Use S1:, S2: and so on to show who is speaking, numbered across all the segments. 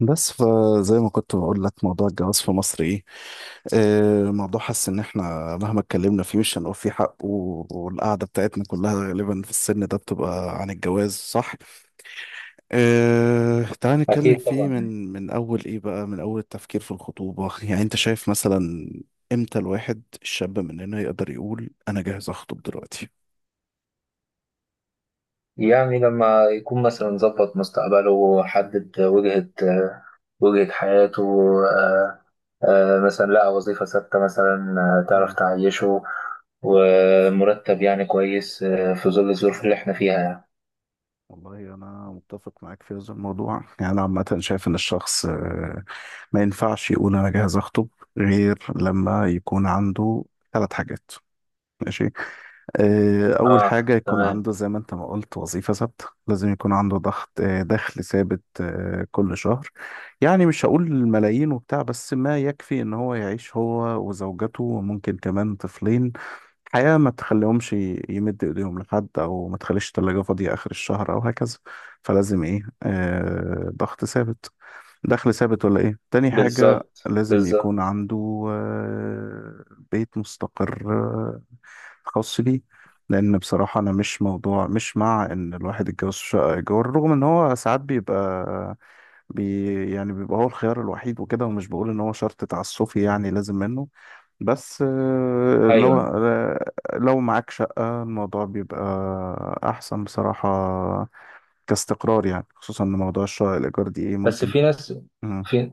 S1: بس فزي ما كنت بقول لك موضوع الجواز في مصر ايه. آه، موضوع حاسس ان احنا مهما اتكلمنا فيه مش هنقول فيه حق والقعده بتاعتنا كلها غالبا في السن ده بتبقى عن الجواز، صح؟ آه، تعال نتكلم
S2: أكيد
S1: فيه
S2: طبعا يعني
S1: من اول ايه بقى، من اول التفكير في الخطوبه. يعني انت شايف مثلا امتى الواحد الشاب مننا يقدر يقول انا جاهز اخطب دلوقتي؟
S2: يعني لما يكون مثلا ظبط مستقبله حدد وجهة حياته. آه، مثلا لقى وظيفة ثابتة مثلا. تعرف تعيشه، ومرتب يعني كويس في ظل الظروف اللي احنا فيها يعني.
S1: والله أنا متفق معاك في هذا الموضوع. يعني أنا عامة شايف إن الشخص ما ينفعش يقول أنا جاهز أخطب غير لما يكون عنده ثلاث حاجات. ماشي. أول
S2: اه،
S1: حاجة يكون
S2: تمام،
S1: عنده زي ما أنت ما قلت وظيفة ثابتة، لازم يكون عنده ضغط، دخل ثابت كل شهر. يعني مش هقول ملايين وبتاع، بس ما يكفي إن هو يعيش هو وزوجته وممكن كمان طفلين حياة ما تخليهمش يمد إيديهم لحد، أو ما تخليش التلاجة فاضية آخر الشهر أو هكذا. فلازم إيه، ضغط ثابت، دخل ثابت. ولا إيه تاني حاجة
S2: بالظبط
S1: لازم يكون
S2: بالظبط.
S1: عنده؟ بيت مستقر خاص بيه. لان بصراحه انا مش موضوع مش مع ان الواحد يتجوز في شقه ايجار، رغم ان هو ساعات بيبقى بي يعني بيبقى هو الخيار الوحيد وكده، ومش بقول ان هو شرط تعسفي يعني لازم منه، بس لو
S2: ايوه،
S1: لو معاك شقه الموضوع بيبقى احسن بصراحه كاستقرار، يعني خصوصا ان موضوع الشقه الايجار دي ايه
S2: بس
S1: ممكن.
S2: في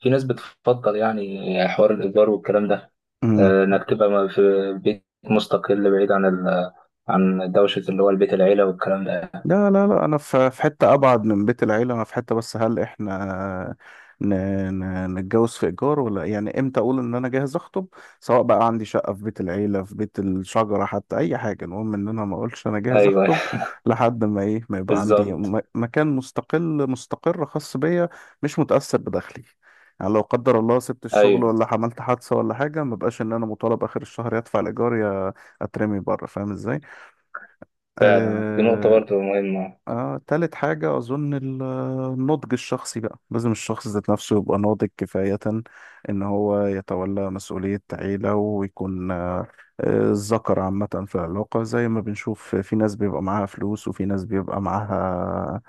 S2: في ناس بتفضل يعني حوار الإيجار والكلام ده،
S1: مم.
S2: انك تبقى في بيت مستقل بعيد عن عن دوشة اللي هو البيت العيلة والكلام ده.
S1: لا لا لا، انا في حته ابعد من بيت العيله، انا في حته. بس هل احنا ن- نتجوز في ايجار ولا إيه؟ يعني امتى اقول ان انا جاهز اخطب؟ سواء بقى عندي شقه في بيت العيله، في بيت الشجره، حتى اي حاجه، المهم ان انا ما اقولش انا جاهز
S2: ايوه
S1: اخطب لحد ما ايه، ما يبقى عندي
S2: بالظبط.
S1: مكان مستقل مستقر خاص بيا، مش متاثر بدخلي. يعني لو قدر الله سبت الشغل
S2: ايوه
S1: ولا عملت حادثه ولا حاجه، ما بقاش ان انا مطالب اخر الشهر يدفع الايجار يا اترمي بره. فاهم ازاي؟
S2: فعلا، دي نقطة
S1: آه،
S2: برضه مهمة.
S1: تالت حاجة أظن النضج الشخصي. بقى لازم الشخص ذات نفسه يبقى ناضج كفاية إن هو يتولى مسؤولية عيلة، ويكون الذكر عامة في العلاقة. زي ما بنشوف في ناس بيبقى معاها فلوس، وفي ناس بيبقى معاها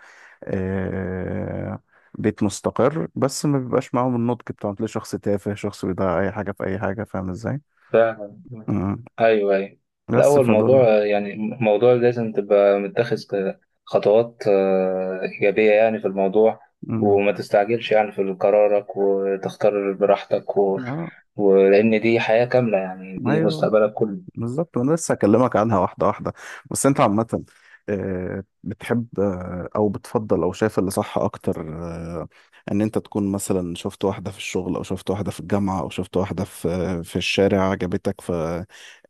S1: آه، بيت مستقر، بس ما بيبقاش معاهم النضج بتاعهم، تلاقي شخص تافه، شخص بيضيع أي حاجة في أي حاجة. فاهم إزاي؟
S2: فعلا،
S1: مم.
S2: ايوه ايوه.
S1: بس
S2: الاول
S1: فدول.
S2: موضوع يعني موضوع لازم تبقى متخذ خطوات ايجابيه يعني في الموضوع،
S1: مم.
S2: وما تستعجلش يعني في قرارك وتختار براحتك
S1: آه
S2: ولان دي حياه كامله يعني دي
S1: أيوه،
S2: مستقبلك كله.
S1: بالظبط. وانا لسه هكلمك عنها واحده واحده. بس انت عامه، بتحب او بتفضل او شايف اللي صح اكتر، ان انت تكون مثلا شفت واحده في الشغل، او شفت واحده في الجامعه، او شفت واحده في في الشارع عجبتك، ف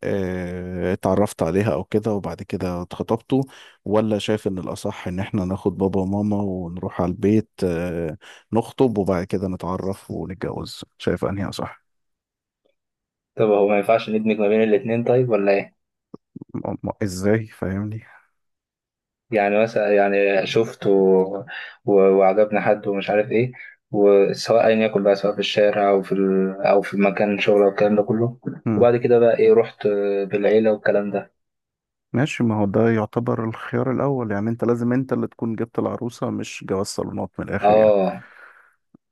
S1: اتعرفت عليها او كده وبعد كده اتخطبتوا؟ ولا شايف ان الاصح ان احنا ناخد بابا وماما ونروح على البيت نخطب وبعد كده نتعرف ونتجوز؟ شايف انهي اصح؟
S2: طب هو ما ينفعش ندمج ما بين الاتنين طيب ولا ايه؟
S1: ازاي؟ فاهمني؟
S2: يعني مثلا يعني شفته وعجبني حد ومش عارف ايه، وسواء ايا يكن بقى سواء في الشارع او في او في مكان شغل او الكلام ده كله، وبعد كده بقى ايه رحت بالعيله والكلام ده.
S1: ماشي، ما هو ده يعتبر الخيار الأول. يعني أنت لازم أنت اللي تكون جبت العروسة، مش جواز صالونات من الآخر يعني.
S2: اه،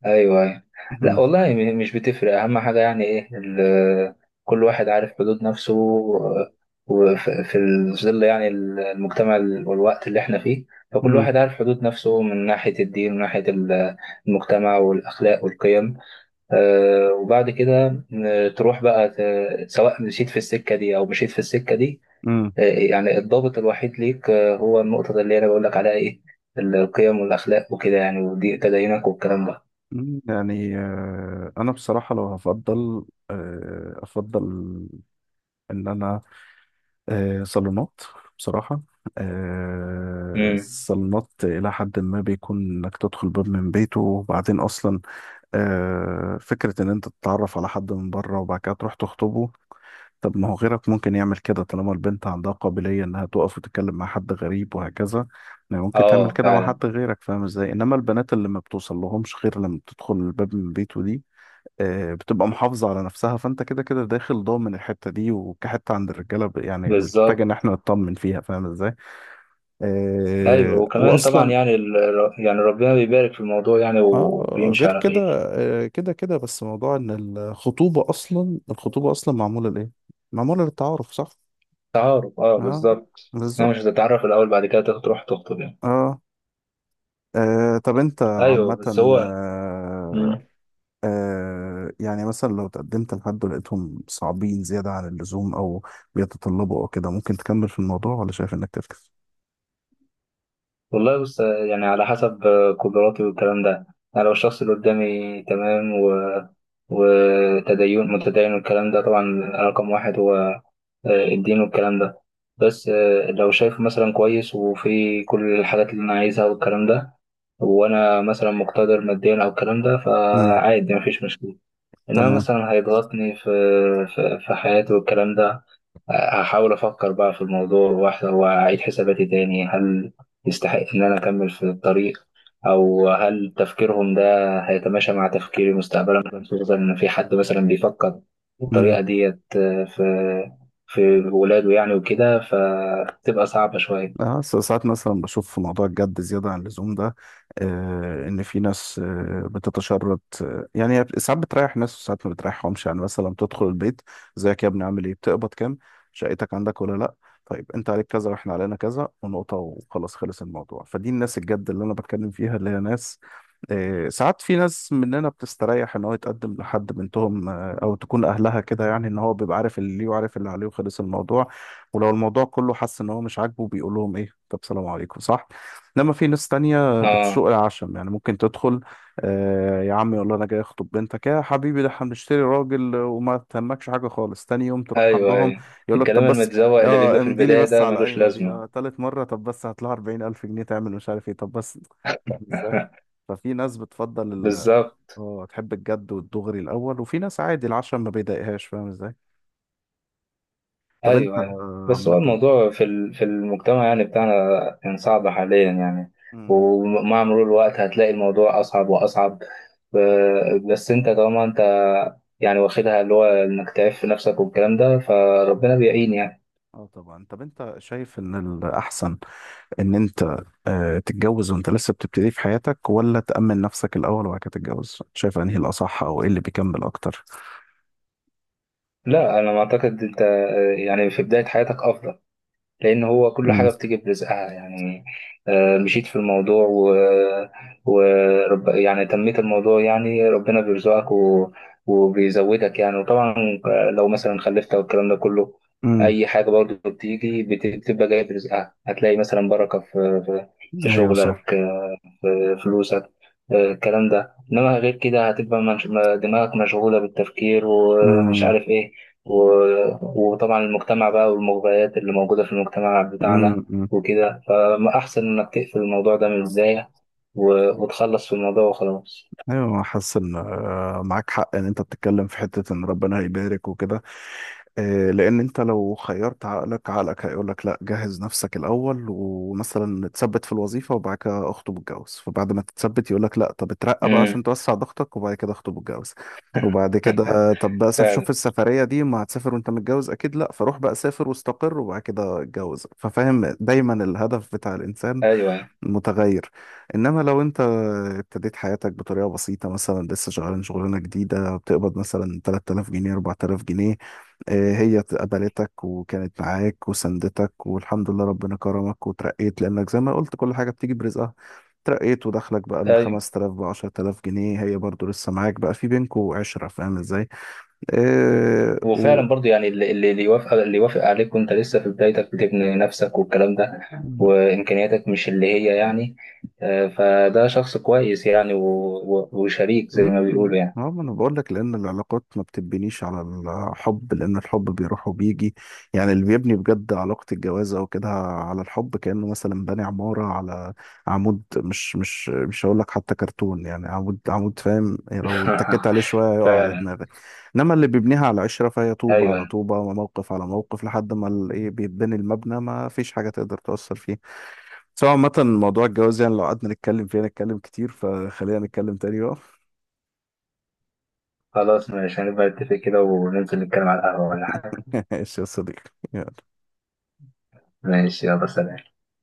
S2: ايوه ايوه.
S1: مم.
S2: لا والله مش بتفرق، اهم حاجه يعني ايه كل واحد عارف حدود نفسه، وفي ظل يعني المجتمع والوقت اللي احنا فيه، فكل
S1: مم.
S2: واحد عارف حدود نفسه من ناحيه الدين ومن ناحيه المجتمع والاخلاق والقيم. وبعد كده تروح بقى سواء مشيت في السكة دي أو مشيت في السكة دي.
S1: مم.
S2: يعني الضابط الوحيد ليك هو النقطة اللي أنا بقول لك عليها إيه، القيم والأخلاق وكده يعني ودي تدينك والكلام ده.
S1: مم. يعني أنا بصراحة لو هفضل أفضل إن أنا صالونات، بصراحة.
S2: امم،
S1: الصالونات إلى حد ما بيكون إنك تدخل باب من بيته، وبعدين أصلا فكرة إن أنت تتعرف على حد من بره وبعد كده تروح تخطبه، طب ما هو غيرك ممكن يعمل كده طالما البنت عندها قابلية إنها تقف وتتكلم مع حد غريب وهكذا. يعني ممكن تعمل
S2: آه
S1: كده مع
S2: فعلا،
S1: حد غيرك. فاهم إزاي؟ إنما البنات اللي ما بتوصل لهمش غير لما بتدخل الباب من بيته دي بتبقى محافظة على نفسها، فأنت كده كده داخل ضامن الحتة دي. وكحتة عند الرجالة يعني محتاج
S2: بالظبط.
S1: إن إحنا نطمن فيها. فاهم إزاي؟
S2: أيوه وكمان طبعا
S1: وأصلا
S2: يعني يعني ربنا بيبارك في الموضوع يعني
S1: اه
S2: وبيمشي
S1: غير
S2: على
S1: كده،
S2: خير.
S1: كده كده. بس موضوع ان الخطوبة اصلا، الخطوبة اصلا معمولة لايه؟ معمولة للتعارف، صح؟
S2: تعارف آه،
S1: اه،
S2: بالظبط، أنا مش
S1: بالظبط.
S2: هتتعرف الأول بعد كده تروح تخطب يعني.
S1: اه، طب انت عامة
S2: أيوه بس هو.
S1: آه،
S2: مم.
S1: يعني مثلا لو تقدمت لحد ولقيتهم صعبين زيادة عن اللزوم او بيتطلبوا او كده، ممكن تكمل في الموضوع ولا شايف انك تفكس؟
S2: والله بص يعني على حسب قدراتي والكلام ده، يعني لو الشخص اللي قدامي تمام وتدين متدين والكلام ده طبعا، رقم واحد هو الدين والكلام ده. بس لو شايفه مثلا كويس وفي كل الحاجات اللي أنا عايزها والكلام ده، وأنا مثلا مقتدر ماديا أو الكلام ده
S1: امم.
S2: فعادي مفيش مشكلة. إنما
S1: تمام.
S2: مثلا هيضغطني في حياتي والكلام ده. هحاول أفكر بقى في الموضوع واحدة وأعيد حساباتي تاني، هل يستحق إن أنا أكمل في الطريق، أو هل تفكيرهم ده هيتماشى مع تفكيري مستقبلا، خصوصا إن في حد مثلا بيفكر بالطريقة ديت في ولاده يعني وكده فتبقى صعبة شوية.
S1: اه، ساعات مثلا بشوف في موضوع الجد زيادة عن اللزوم ده، آه، ان في ناس آه بتتشرط. آه يعني هي ساعات بتريح ناس وساعات ما بتريحهمش. يعني مثلا بتدخل البيت: ازيك يا ابني عامل ايه، بتقبض كام، شقتك عندك ولا لا، طيب انت عليك كذا واحنا علينا كذا، ونقطة وخلاص، خلص الموضوع. فدي الناس الجد اللي انا بتكلم فيها، اللي هي ناس آه ساعات في ناس مننا بتستريح ان هو يتقدم لحد بنتهم، آه او تكون اهلها كده، يعني ان هو بيبقى عارف اللي ليه وعارف اللي عليه وخلص الموضوع. ولو الموضوع كله حس ان هو مش عاجبه بيقول لهم ايه طب سلام عليكم، صح؟ انما في ناس تانية
S2: آه
S1: بتسوق العشم. يعني ممكن تدخل، آه، يا عم، يقول له انا جاي اخطب بنتك يا حبيبي، ده احنا بنشتري راجل، وما تهمكش حاجه خالص. تاني يوم تروح
S2: أيوه
S1: عندهم
S2: أيوه،
S1: يقول لك
S2: الكلام
S1: طب بس
S2: المتزوق اللي بيبقى
S1: اه
S2: في
S1: امضي لي
S2: البداية
S1: بس
S2: ده
S1: على
S2: ملوش
S1: القايمه دي.
S2: لازمة.
S1: اه، تالت مره طب بس هات لها 40,000 جنيه تعمل مش عارف ايه، طب بس. فاهم ازاي؟ ففي ناس بتفضل
S2: بالظبط،
S1: اه تحب الجد والدغري الاول، وفي ناس عادي العشم ما بيضايقهاش. فاهم ازاي؟ طب انت
S2: ايوه أيوة. بس هو
S1: عامه،
S2: الموضوع في في المجتمع يعني بتاعنا، كان صعب حاليا يعني.
S1: مم.
S2: ومع مرور الوقت هتلاقي الموضوع اصعب واصعب. بس انت طالما انت يعني واخدها اللي هو انك تعيش في نفسك والكلام ده فربنا بيعين يعني.
S1: اه طبعا. طب انت شايف ان الاحسن ان انت تتجوز وانت لسه بتبتدي في حياتك، ولا تأمن نفسك الاول وبعد كده تتجوز؟ شايف انهي الاصح او ايه اللي بيكمل اكتر؟
S2: لا انا ما اعتقد، انت يعني في بداية حياتك افضل، لأن هو كل
S1: امم.
S2: حاجة بتيجي برزقها يعني. مشيت في الموضوع ورب يعني تميت الموضوع يعني ربنا بيرزقك وبيزودك يعني. وطبعا لو مثلا خلفت أو الكلام ده كله،
S1: امم.
S2: أي حاجة برضه بتيجي بتبقى جاية برزقها، هتلاقي مثلا بركة في في
S1: ايوه صح.
S2: شغلك في فلوسك الكلام ده. إنما غير كده هتبقى دماغك مشغولة بالتفكير ومش
S1: امم.
S2: عارف إيه. وطبعا المجتمع بقى والمغريات اللي موجودة في المجتمع بتاعنا
S1: امم.
S2: وكده، فأحسن إنك تقفل الموضوع ده من البداية، وتخلص في الموضوع وخلاص.
S1: ايوه، حاسس ان معاك حق. ان انت بتتكلم في حتة ان ربنا هيبارك وكده، لان انت لو خيرت عقلك عقلك هيقول لك لا، جهز نفسك الاول، ومثلا تثبت في الوظيفه وبعد كده اخطب واتجوز. فبعد ما تتثبت يقول لك لا، طب اترقى بقى عشان
S2: امم
S1: توسع ضغطك، وبعد كده اخطب واتجوز. وبعد كده طب بقى شوف
S2: فعلا.
S1: السفريه دي، ما هتسافر وانت متجوز، اكيد لا، فروح بقى سافر واستقر وبعد كده اتجوز. ففاهم دايما الهدف بتاع الانسان
S2: أيوه أيوه
S1: متغير. انما لو انت ابتديت حياتك بطريقه بسيطه، مثلا لسه شغال شغلانه جديده بتقبض مثلا 3,000 جنيه 4,000 جنيه، هي قبلتك وكانت معاك وسندتك، والحمد لله ربنا كرمك وترقيت، لانك زي ما قلت كل حاجه بتيجي برزقها. ترقيت ودخلك بقى من
S2: أيوه.
S1: 5000 ب 10,000 جنيه، هي برضو لسه معاك. بقى في بينكوا عشرة. فاهم ازاي؟ آه و
S2: وفعلا برضو يعني اللي يوافق، اللي يوافق عليك وأنت لسه في بدايتك بتبني نفسك والكلام ده وإمكانياتك مش اللي هي يعني، فده شخص كويس يعني وشريك زي ما
S1: مم،
S2: بيقولوا يعني.
S1: اه، ما انا بقول لك، لان العلاقات ما بتبنيش على الحب، لان الحب بيروح وبيجي. يعني اللي بيبني بجد علاقة الجواز او كده على الحب، كأنه مثلا باني عمارة على عمود، مش هقول لك حتى كرتون، يعني عمود عمود. فاهم يعني؟ لو اتكيت عليه شوية يقع على
S2: فعلا
S1: دماغك. انما اللي بيبنيها على عشرة فهي
S2: أيوه
S1: طوبة على
S2: أيوة.
S1: طوبة وموقف على موقف، لحد ما ايه بيتبني المبنى، ما فيش حاجة تقدر تأثر فيه. سواء عامة موضوع الجواز يعني لو قعدنا نتكلم فيه نتكلم كتير، فخلينا نتكلم تاني بقى.
S2: خلاص ماشي، هنبقى نتفق كده وننزل نتكلم على القهوة ولا حاجة.
S1: ايش يا صديقي يلا.
S2: ماشي يلا سلام.